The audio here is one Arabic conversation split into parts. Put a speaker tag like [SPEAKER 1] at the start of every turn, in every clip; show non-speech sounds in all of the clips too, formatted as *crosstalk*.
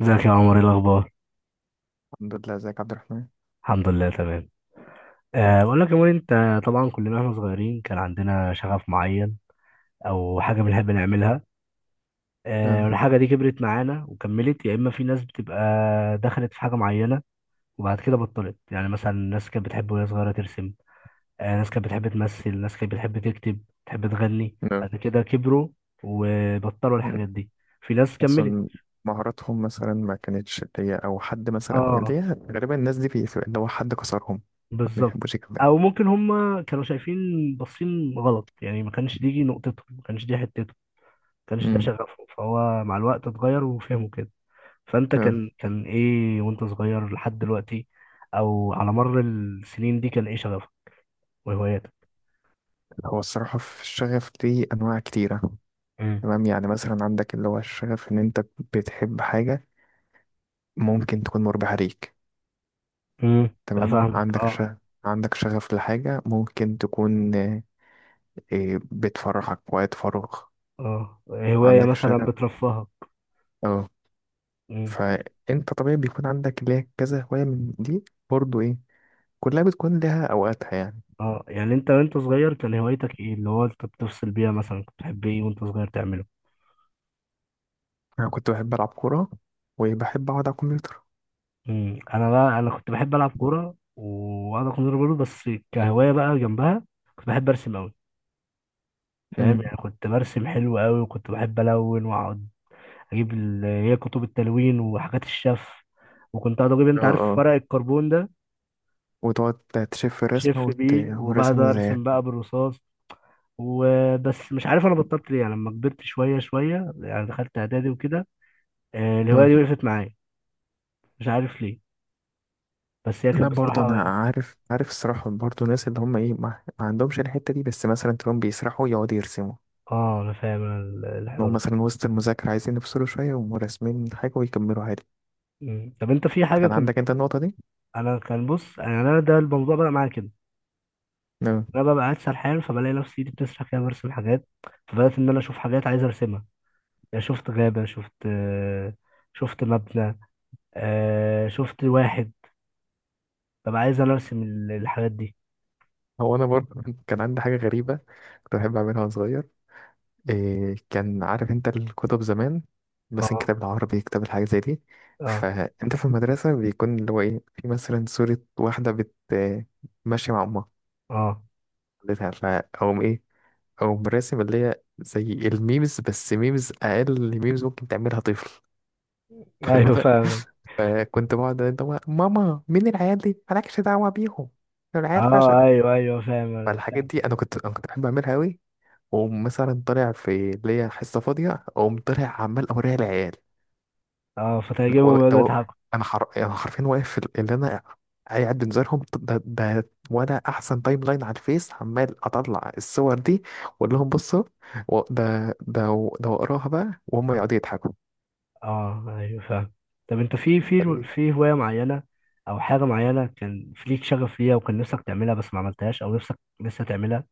[SPEAKER 1] ازيك يا عمر؟ ايه الاخبار؟
[SPEAKER 2] الحمد لله، ازيك يا عبد الرحمن؟
[SPEAKER 1] الحمد لله، تمام. بقول لك يا عمر، انت طبعا كلنا واحنا صغيرين كان عندنا شغف معين او حاجه بنحب نعملها.
[SPEAKER 2] نعم.
[SPEAKER 1] والحاجه دي كبرت معانا وكملت، يا اما في ناس بتبقى دخلت في حاجه معينه وبعد كده بطلت. يعني مثلا ناس كانت بتحب وهي صغيره ترسم. ناس كانت بتحب تمثل، ناس كانت بتحب تكتب، بتحب تغني،
[SPEAKER 2] نعم.
[SPEAKER 1] بعد كده كبروا وبطلوا
[SPEAKER 2] مم.
[SPEAKER 1] الحاجات دي. في ناس
[SPEAKER 2] حاسس
[SPEAKER 1] كملت.
[SPEAKER 2] إن مهاراتهم مثلا ما كانتش اللي هي او حد مثلا اللي
[SPEAKER 1] اه،
[SPEAKER 2] هي غالبا الناس دي بيبقى اللي هو حد كسرهم، ما
[SPEAKER 1] بالظبط.
[SPEAKER 2] بيحبوش الكلام.
[SPEAKER 1] او ممكن هم كانوا شايفين باصين غلط، يعني ما كانش دي نقطته، ما كانش دي حتته، ما كانش ده
[SPEAKER 2] امم
[SPEAKER 1] شغفه، فهو مع الوقت اتغير وفهمه كده. فانت
[SPEAKER 2] نعم.
[SPEAKER 1] كان ايه وانت صغير لحد دلوقتي، او على مر السنين دي كان ايه شغفك وهواياتك؟
[SPEAKER 2] هو الصراحة في الشغف دي أنواع كتيرة.
[SPEAKER 1] مم.
[SPEAKER 2] تمام، يعني مثلا عندك اللي هو الشغف إن أنت بتحب حاجة ممكن تكون مربحة ليك.
[SPEAKER 1] امم،
[SPEAKER 2] تمام،
[SPEAKER 1] فاهمك،
[SPEAKER 2] عندك
[SPEAKER 1] اه.
[SPEAKER 2] شغف، عندك شغف لحاجة ممكن تكون بتفرحك وقت فراغ.
[SPEAKER 1] اه، هواية
[SPEAKER 2] عندك
[SPEAKER 1] مثلا
[SPEAKER 2] شغف.
[SPEAKER 1] بترفهك.
[SPEAKER 2] اه.
[SPEAKER 1] امم.
[SPEAKER 2] فانت طبيعي بيكون عندك ليك كذا هواية من دي، برضو ايه، كلها بتكون لها اوقاتها يعني.
[SPEAKER 1] اه، يعني انت وانت صغير كان هوايتك ايه اللي هو انت بتفصل بيها، مثلا كنت بتحب ايه وانت صغير تعمله؟
[SPEAKER 2] انا كنت بحب العب كورة، وبحب اقعد على الكمبيوتر.
[SPEAKER 1] مم. انا بقى، انا كنت بحب العب كوره، وانا كنت برضه بس كهوايه بقى جنبها كنت بحب ارسم قوي. فاهم،
[SPEAKER 2] امم
[SPEAKER 1] يعني كنت برسم حلو قوي، وكنت بحب الون واقعد اجيب هي كتب التلوين وحاجات الشف. وكنت اقعد اجيب،
[SPEAKER 2] اه،
[SPEAKER 1] انت عارف،
[SPEAKER 2] اه.
[SPEAKER 1] ورق الكربون ده،
[SPEAKER 2] وتقعد تشوف الرسمة
[SPEAKER 1] شف بيه،
[SPEAKER 2] وتعمل
[SPEAKER 1] وبعد
[SPEAKER 2] رسمة زيها.
[SPEAKER 1] ارسم بقى بالرصاص. وبس، مش عارف انا بطلت ليه، يعني لما كبرت شويه شويه يعني دخلت اعدادي وكده، الهوايه
[SPEAKER 2] اه.
[SPEAKER 1] دي وقفت معايا. مش عارف ليه، بس هي
[SPEAKER 2] لا
[SPEAKER 1] كانت
[SPEAKER 2] برضه انا
[SPEAKER 1] بصراحه...
[SPEAKER 2] عارف، عارف الصراحة برضه الناس اللي هم ايه ما عندهمش الحتة دي، بس مثلا تلاقيهم بيسرحوا يقعدوا يرسموا،
[SPEAKER 1] اه، انا فاهم
[SPEAKER 2] إن هم
[SPEAKER 1] الحوار.
[SPEAKER 2] مثلا وسط المذاكرة عايزين يفصلوا شوية يقوموا راسمين حاجة ويكملوا عادي.
[SPEAKER 1] مم. طب انت في حاجة
[SPEAKER 2] كان
[SPEAKER 1] كنت...
[SPEAKER 2] عندك انت النقطة دي؟
[SPEAKER 1] انا كان بص، يعني انا ده الموضوع بقى معايا كده.
[SPEAKER 2] نعم.
[SPEAKER 1] انا ببقى قاعد سرحان، فبلاقي نفسي ايدي بتسرح كده برسم حاجات. فبدات ان انا اشوف حاجات عايز ارسمها. يعني شفت غابه، شفت، شفت مبنى، شفت واحد، ببقى عايز انا ارسم الحاجات دي.
[SPEAKER 2] هو انا برضه *laughs* كان عندي حاجة غريبة كنت بحب اعملها وانا صغير. إيه كان عارف انت الكتب زمان، بس
[SPEAKER 1] اه
[SPEAKER 2] كتاب العربي كتاب الحاجات زي دي،
[SPEAKER 1] اه
[SPEAKER 2] فانت في المدرسة بيكون اللي هو ايه، في مثلا صورة واحدة بت ماشية مع امها،
[SPEAKER 1] اه،
[SPEAKER 2] خدتها فأقوم ايه، أقوم راسم اللي هي زي الميمز، بس ميمز أقل ميمز ممكن تعملها طفل. واخد
[SPEAKER 1] ايوه
[SPEAKER 2] بالك؟
[SPEAKER 1] فاهم.
[SPEAKER 2] *laughs* فكنت بقعد انت بقى، ماما مين العيال دي، مالكش دعوة بيهم، دول العيال
[SPEAKER 1] اه،
[SPEAKER 2] فشلة.
[SPEAKER 1] ايوه ايوه، فاهم انا
[SPEAKER 2] فالحاجات
[SPEAKER 1] فاهم.
[SPEAKER 2] دي انا كنت بحب اعملها قوي، ومثلا طالع في اللي هي حصة فاضية أقوم طالع عمال أوريها العيال.
[SPEAKER 1] اه،
[SPEAKER 2] لو
[SPEAKER 1] فتعجبهم يقعدوا
[SPEAKER 2] لو
[SPEAKER 1] يضحكوا.
[SPEAKER 2] انا حر... أنا حرفيا واقف في ال- اللي انا قاعد بنزلهم ده وانا احسن تايم لاين على الفيس، عمال اطلع الصور دي واقول لهم بصوا و- ده واقراها بقى وهم يقعدوا يضحكوا.
[SPEAKER 1] اه، ايوه فاهم. طب انت في
[SPEAKER 2] يعني
[SPEAKER 1] هوايه معينه او حاجه معينه كان في ليك شغف ليها، وكان نفسك تعملها بس ما عملتهاش، او نفسك لسه تعملها؟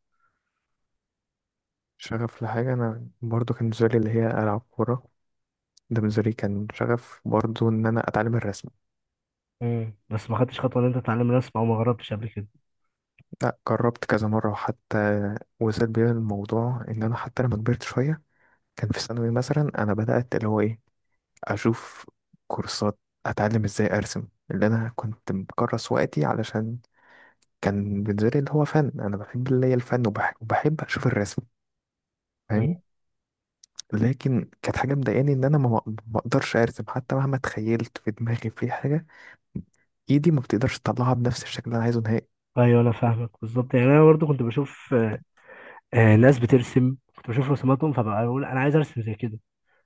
[SPEAKER 2] شغف لحاجة، أنا برضو كان بالنسبة لي اللي هي ألعب كورة، ده بالنسبة لي كان شغف، برضو إن أنا أتعلم الرسم.
[SPEAKER 1] مم. بس ما خدتش خطوه ان انت تتعلم الرسم، او ما جربتش قبل كده؟
[SPEAKER 2] لا، جربت كذا مرة، وحتى وصل بيا الموضوع إن أنا حتى لما كبرت شوية كان في ثانوي، مثلا أنا بدأت اللي هو إيه، اشوف كورسات، اتعلم ازاي ارسم. اللي انا كنت مكرس وقتي علشان كان بالنسبه لي اللي هو فن، انا بحب اللي هي الفن، وبحب اشوف الرسم.
[SPEAKER 1] مم.
[SPEAKER 2] فاهم؟ لكن كانت حاجه مضايقاني ان انا ما اقدرش ارسم، حتى مهما تخيلت في دماغي في حاجه ايدي ما بتقدرش تطلعها بنفس الشكل اللي انا عايزه نهائي.
[SPEAKER 1] ايوه، انا فاهمك بالظبط، يعني انا برضو كنت بشوف، ناس بترسم، كنت بشوف رسوماتهم، فبقى بقول انا عايز ارسم زي كده.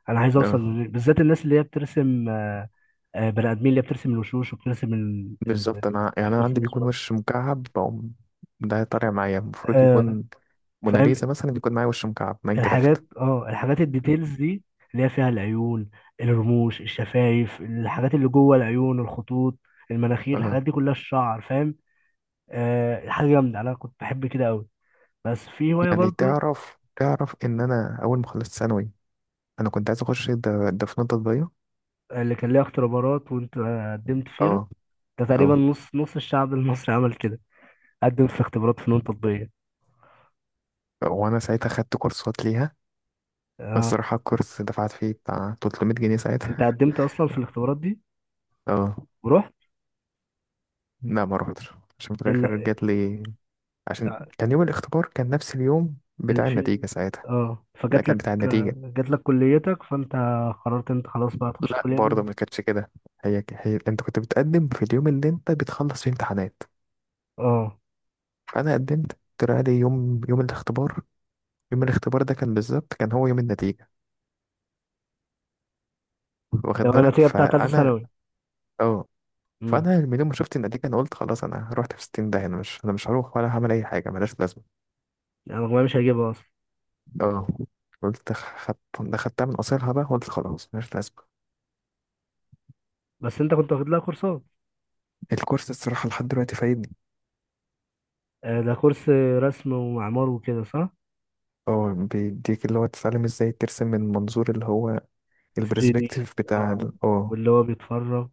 [SPEAKER 1] انا عايز اوصل
[SPEAKER 2] اه
[SPEAKER 1] لل- بالذات الناس اللي هي بترسم، بني ادمين اللي هي بترسم الوشوش وبترسم
[SPEAKER 2] بالظبط. انا يعني
[SPEAKER 1] مش
[SPEAKER 2] انا عندي
[SPEAKER 1] بترسم
[SPEAKER 2] بيكون
[SPEAKER 1] رسومات.
[SPEAKER 2] وش مكعب، بقوم ده طالع معايا المفروض
[SPEAKER 1] آه،
[SPEAKER 2] يكون
[SPEAKER 1] فاهم.
[SPEAKER 2] موناليزا، مثلا بيكون معايا وش مكعب
[SPEAKER 1] الحاجات،
[SPEAKER 2] ماينكرافت.
[SPEAKER 1] الديتيلز دي اللي هي فيها العيون، الرموش، الشفايف، الحاجات اللي جوه العيون، الخطوط، المناخير،
[SPEAKER 2] اه.
[SPEAKER 1] الحاجات دي كلها، الشعر، فاهم. حاجه جامده، انا كنت بحب كده قوي. بس في هواية
[SPEAKER 2] يعني
[SPEAKER 1] برضو.
[SPEAKER 2] تعرف، تعرف ان انا اول ما خلصت ثانوي انا كنت عايز اخش ده فنون تطبيقية.
[SPEAKER 1] اللي كان ليها اختبارات وانت قدمت فيها؟
[SPEAKER 2] اه.
[SPEAKER 1] ده تقريبا
[SPEAKER 2] اه،
[SPEAKER 1] نص نص الشعب المصري عمل كده، قدم في اختبارات فنون تطبيقية.
[SPEAKER 2] وانا ساعتها خدت كورسات ليها. بس
[SPEAKER 1] اه،
[SPEAKER 2] الصراحة الكورس دفعت فيه بتاع 300 جنيه
[SPEAKER 1] انت
[SPEAKER 2] ساعتها.
[SPEAKER 1] قدمت اصلا في الاختبارات دي
[SPEAKER 2] *laughs* اه.
[SPEAKER 1] ورحت؟
[SPEAKER 2] لا ما روحتش، عشان في الاخر
[SPEAKER 1] اللي،
[SPEAKER 2] جات لي، عشان كان يوم الاختبار كان نفس اليوم بتاع
[SPEAKER 1] في،
[SPEAKER 2] النتيجة ساعتها.
[SPEAKER 1] اه،
[SPEAKER 2] لا،
[SPEAKER 1] فجات
[SPEAKER 2] كان
[SPEAKER 1] لك
[SPEAKER 2] بتاع النتيجة.
[SPEAKER 1] آه، جات لك كليتك، فانت قررت انت خلاص بقى تخش
[SPEAKER 2] لا
[SPEAKER 1] الكلية
[SPEAKER 2] برضه
[SPEAKER 1] دي؟
[SPEAKER 2] ما كانتش كده، هي انت كنت بتقدم في اليوم اللي انت بتخلص فيه امتحانات،
[SPEAKER 1] اه،
[SPEAKER 2] فانا قدمت طلع لي يوم، يوم الاختبار ده كان بالظبط كان هو يوم النتيجة،
[SPEAKER 1] ده
[SPEAKER 2] واخد
[SPEAKER 1] بقى
[SPEAKER 2] بالك؟
[SPEAKER 1] النتيجة بتاعت تالتة
[SPEAKER 2] فانا
[SPEAKER 1] ثانوي.
[SPEAKER 2] اه،
[SPEAKER 1] امم،
[SPEAKER 2] فانا من يوم ما شفت النتيجه انا قلت خلاص انا رحت في 60، ده انا مش، انا مش هروح ولا هعمل اي حاجه ملهاش لازمه.
[SPEAKER 1] انا مجموعي مش هجيبها اصلا.
[SPEAKER 2] اه. قلت خدت ده، خدتها من قصيرها بقى، قلت خلاص ملهاش لازمه.
[SPEAKER 1] بس انت كنت واخد لها كورسات؟
[SPEAKER 2] الكورس الصراحه لحد دلوقتي فايدني.
[SPEAKER 1] ده كورس رسم ومعمار وكده، صح؟
[SPEAKER 2] اه، بيديك اللي هو تتعلم ازاي ترسم من منظور، اللي هو
[SPEAKER 1] 3D،
[SPEAKER 2] البرسبكتيف بتاع
[SPEAKER 1] اه.
[SPEAKER 2] ال- اه.
[SPEAKER 1] واللي هو بيتفرج.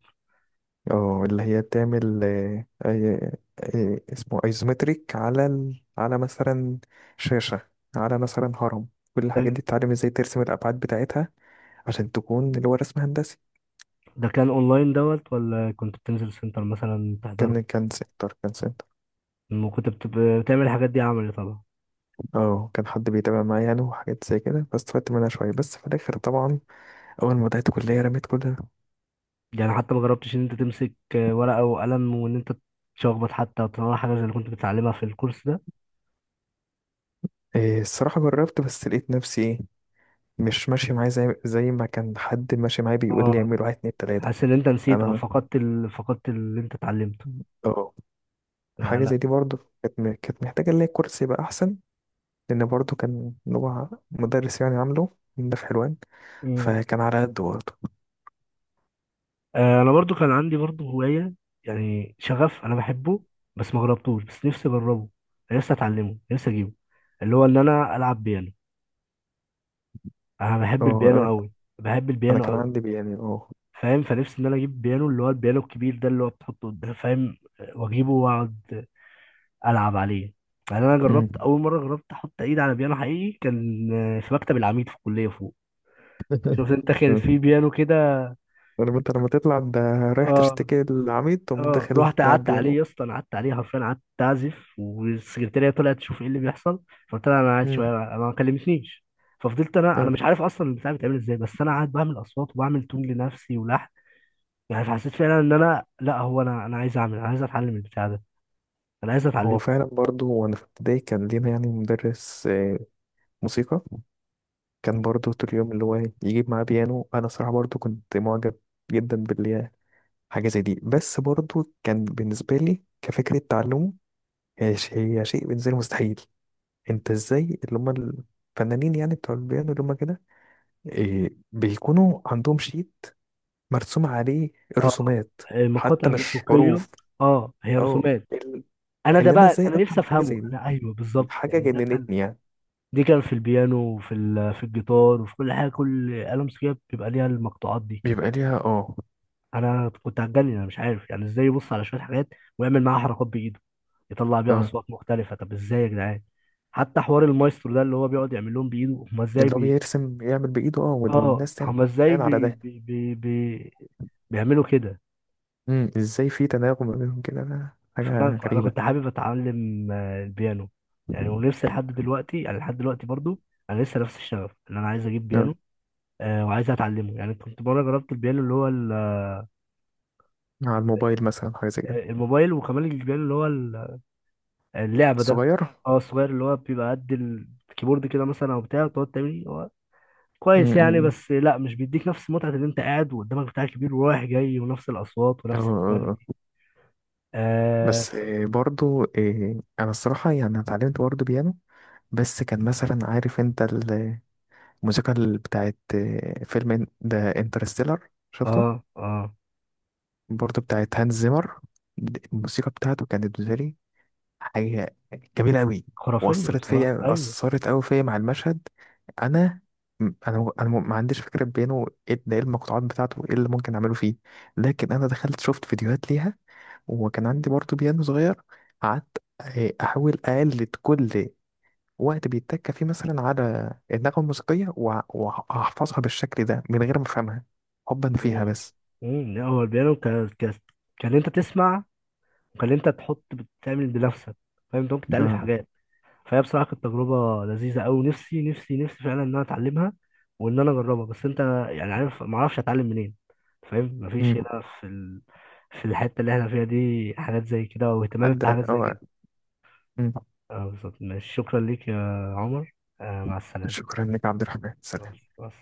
[SPEAKER 2] اه، اللي هي تعمل اسمه ايزومتريك على ال... على مثلا شاشه، على مثلا هرم، كل الحاجات دي تتعلم ازاي ترسم الابعاد بتاعتها عشان تكون اللي هو رسم هندسي.
[SPEAKER 1] ده كان اونلاين دوت، ولا كنت بتنزل سنتر مثلا تحضره؟
[SPEAKER 2] كان سنتر.
[SPEAKER 1] لما كنت بتعمل الحاجات دي عملي طبعا.
[SPEAKER 2] اه كان حد بيتابع معايا يعني وحاجات زي كده، فاستفدت منها شوية، بس في الآخر طبعا أول ما بدأت كلية رميت كل ده.
[SPEAKER 1] يعني حتى ما جربتش ان انت تمسك ورقة وقلم، وان انت تشخبط حتى وتطلع حاجة زي اللي كنت بتتعلمها في الكورس ده؟
[SPEAKER 2] إيه الصراحة جربت، بس لقيت نفسي إيه، مش ماشي معايا زي ما كان حد ماشي معايا بيقول لي
[SPEAKER 1] اه،
[SPEAKER 2] اعمل واحد اتنين تلاتة.
[SPEAKER 1] حاسس ان انت نسيت او
[SPEAKER 2] أنا
[SPEAKER 1] فقدت اللي انت اتعلمته؟
[SPEAKER 2] اه.
[SPEAKER 1] يعني
[SPEAKER 2] حاجة
[SPEAKER 1] انا...
[SPEAKER 2] زي دي برضه كانت م- كانت محتاجة اللي هي الكرسي يبقى أحسن، لأن برضه كان هو مدرس يعني عامله، ده في حلوان،
[SPEAKER 1] مم.
[SPEAKER 2] فكان على قد برضه.
[SPEAKER 1] انا برضو كان عندي برضو هواية، يعني شغف انا بحبه، بس ما جربتوش، بس نفسي اجربه. أنا نفسي اتعلمه، نفسي اجيبه، اللي هو ان انا العب بيانو. انا بحب
[SPEAKER 2] اه.
[SPEAKER 1] البيانو
[SPEAKER 2] أنا
[SPEAKER 1] قوي، بحب
[SPEAKER 2] أنا كان
[SPEAKER 1] البيانو.
[SPEAKER 2] عندي بي- يعني اه.
[SPEAKER 1] فاهم، فنفسي ان انا اجيب بيانو، اللي هو البيانو الكبير ده اللي هو بتحطه قدام، فاهم؟ واجيبه واقعد العب عليه. يعني انا جربت اول مره، جربت احط ايد على بيانو حقيقي، كان في مكتب العميد في الكليه فوق.
[SPEAKER 2] *laughs*
[SPEAKER 1] شفت انت كان في
[SPEAKER 2] مم.
[SPEAKER 1] بيانو كده؟
[SPEAKER 2] عارف انت لما تطلع ده رايح
[SPEAKER 1] اه
[SPEAKER 2] تشتكي للعميد تقوم
[SPEAKER 1] اه،
[SPEAKER 2] داخل
[SPEAKER 1] رحت
[SPEAKER 2] لاعب
[SPEAKER 1] قعدت عليه
[SPEAKER 2] بيانو.
[SPEAKER 1] يا اسطى، انا قعدت عليه حرفيا، قعدت اعزف، والسكرتيره طلعت تشوف ايه اللي بيحصل. فقلت لها انا قاعد
[SPEAKER 2] مم.
[SPEAKER 1] شويه، انا ما كلمتنيش. ففضلت انا
[SPEAKER 2] آه.
[SPEAKER 1] انا مش عارف اصلا البتاع بيتعمل ازاي، بس انا قاعد بعمل اصوات، وبعمل تون لنفسي، ولحن. يعني حسيت فعلا ان انا، لا، هو انا عايز اعمل، انا عايز اتعلم البتاع ده، انا عايز
[SPEAKER 2] هو
[SPEAKER 1] اتعلم.
[SPEAKER 2] فعلا برضو وانا في ابتدائي كان لينا يعني مدرس موسيقى، كان برضو طول اليوم اللي هو يجيب معاه بيانو. انا صراحة برضو كنت معجب جدا باللي، حاجة زي دي، بس برضو كان بالنسبة لي كفكرة تعلمه هي ش- هي شيء بالنسبة لي مستحيل. انت ازاي اللي هم الفنانين يعني بتوع البيانو اللي هم كده بيكونوا عندهم شيء مرسوم عليه
[SPEAKER 1] اه،
[SPEAKER 2] رسومات، حتى
[SPEAKER 1] مقاطع
[SPEAKER 2] مش
[SPEAKER 1] موسيقيه.
[SPEAKER 2] حروف.
[SPEAKER 1] اه، هي
[SPEAKER 2] اه
[SPEAKER 1] رسومات.
[SPEAKER 2] ال-،
[SPEAKER 1] انا ده
[SPEAKER 2] اللي انا
[SPEAKER 1] بقى،
[SPEAKER 2] ازاي
[SPEAKER 1] انا نفسي
[SPEAKER 2] افهم حاجه
[SPEAKER 1] افهمه،
[SPEAKER 2] زي دي،
[SPEAKER 1] انا، ايوه
[SPEAKER 2] دي
[SPEAKER 1] بالظبط،
[SPEAKER 2] حاجه
[SPEAKER 1] يعني ده كان...
[SPEAKER 2] جننتني يعني.
[SPEAKER 1] دي كان في البيانو، وفي في الجيتار، وفي كل حاجه، كل آلة موسيقيه بيبقى ليها المقطوعات دي.
[SPEAKER 2] بيبقى ليها اه.
[SPEAKER 1] انا كنت هتجنن، انا مش عارف يعني ازاي يبص على شويه حاجات، ويعمل معاها حركات بايده، يطلع بيها
[SPEAKER 2] تمام.
[SPEAKER 1] اصوات مختلفه، طب ازاي يا جدعان؟ حتى حوار المايسترو ده اللي هو بيقعد يعمل لهم بايده، هم ازاي؟
[SPEAKER 2] اللي هو بيرسم يعمل بايده اه
[SPEAKER 1] اه،
[SPEAKER 2] والناس تعمل
[SPEAKER 1] هما ازاي
[SPEAKER 2] بناء على
[SPEAKER 1] بي
[SPEAKER 2] ده.
[SPEAKER 1] بي بي بي بيعملوا كده.
[SPEAKER 2] ازاي في تناغم ما بينهم كده، ده حاجه
[SPEAKER 1] فانا
[SPEAKER 2] غريبه.
[SPEAKER 1] كنت حابب اتعلم البيانو. يعني ونفسي لحد دلوقتي، يعني لحد دلوقتي برضو انا لسه نفس الشغف ان انا عايز اجيب
[SPEAKER 2] نعم.
[SPEAKER 1] بيانو. آه، وعايز اتعلمه، يعني كنت مره جربت البيانو اللي هو
[SPEAKER 2] على الموبايل مثلا حاجه زي كده.
[SPEAKER 1] الموبايل، وكمان البيانو اللي هو اللعبه ده.
[SPEAKER 2] الصغير.
[SPEAKER 1] اه، الصغير اللي هو بيبقى قد الكيبورد كده مثلا، او بتاع تقعد تعمل، هو
[SPEAKER 2] إمم،
[SPEAKER 1] كويس يعني،
[SPEAKER 2] إمم.
[SPEAKER 1] بس لا، مش بيديك نفس متعه ان انت قاعد وقدامك بتاع كبير ورايح جاي، ونفس الاصوات
[SPEAKER 2] اه
[SPEAKER 1] ونفس
[SPEAKER 2] آه، آه.
[SPEAKER 1] الكواليتي.
[SPEAKER 2] آه.
[SPEAKER 1] آه،
[SPEAKER 2] بس برضو انا الصراحه يعني أنا اتعلمت برضو بيانو، بس كان مثلا عارف انت، الموسيقى ال- بتاعت فيلم إن- ده انترستيلر،
[SPEAKER 1] اه
[SPEAKER 2] شفته؟
[SPEAKER 1] اه،
[SPEAKER 2] برضه بتاعت هانز زيمر. الموسيقى بتاعته كانت بالنسبة لي حاجة جميلة أوي،
[SPEAKER 1] خرافية
[SPEAKER 2] وأثرت
[SPEAKER 1] بصراحة،
[SPEAKER 2] فيا،
[SPEAKER 1] ايوه.
[SPEAKER 2] أثرت أوي فيا مع المشهد. أنا أنا ما عنديش فكرة بينه إيه ده، إيه المقطوعات بتاعته، إيه اللي ممكن أعمله فيه. لكن أنا دخلت شفت فيديوهات ليها، وكان عندي برضه بيانو صغير، قعدت أحاول أقلد كل وقت بيتك فيه مثلا على النغمة الموسيقية، وهحفظها بالشكل ده من غير ما افهمها، حبا فيها
[SPEAKER 1] امم
[SPEAKER 2] بس.
[SPEAKER 1] امم، لا، هو البيانو كان، كان انت تسمع، وكان انت تحط بتعمل بنفسك، فاهم، انت ممكن تألف
[SPEAKER 2] آه.
[SPEAKER 1] حاجات. فهي بصراحة كانت تجربة لذيذة أوي، نفسي نفسي نفسي فعلا ان انا اتعلمها، وان انا اجربها، بس انت، يعني عارف، ما اعرفش اتعلم منين. فاهم،
[SPEAKER 2] مم.
[SPEAKER 1] مفيش هنا في في الحتة اللي احنا فيها دي حاجات زي كده، واهتمام
[SPEAKER 2] عدى
[SPEAKER 1] بحاجات زي
[SPEAKER 2] أو...
[SPEAKER 1] كده. اه بالظبط، ماشي، شكرا ليك يا عمر، آه، مع السلامة.
[SPEAKER 2] شكرا لك يا عبد الرحمن،
[SPEAKER 1] بس
[SPEAKER 2] سلام.
[SPEAKER 1] بس.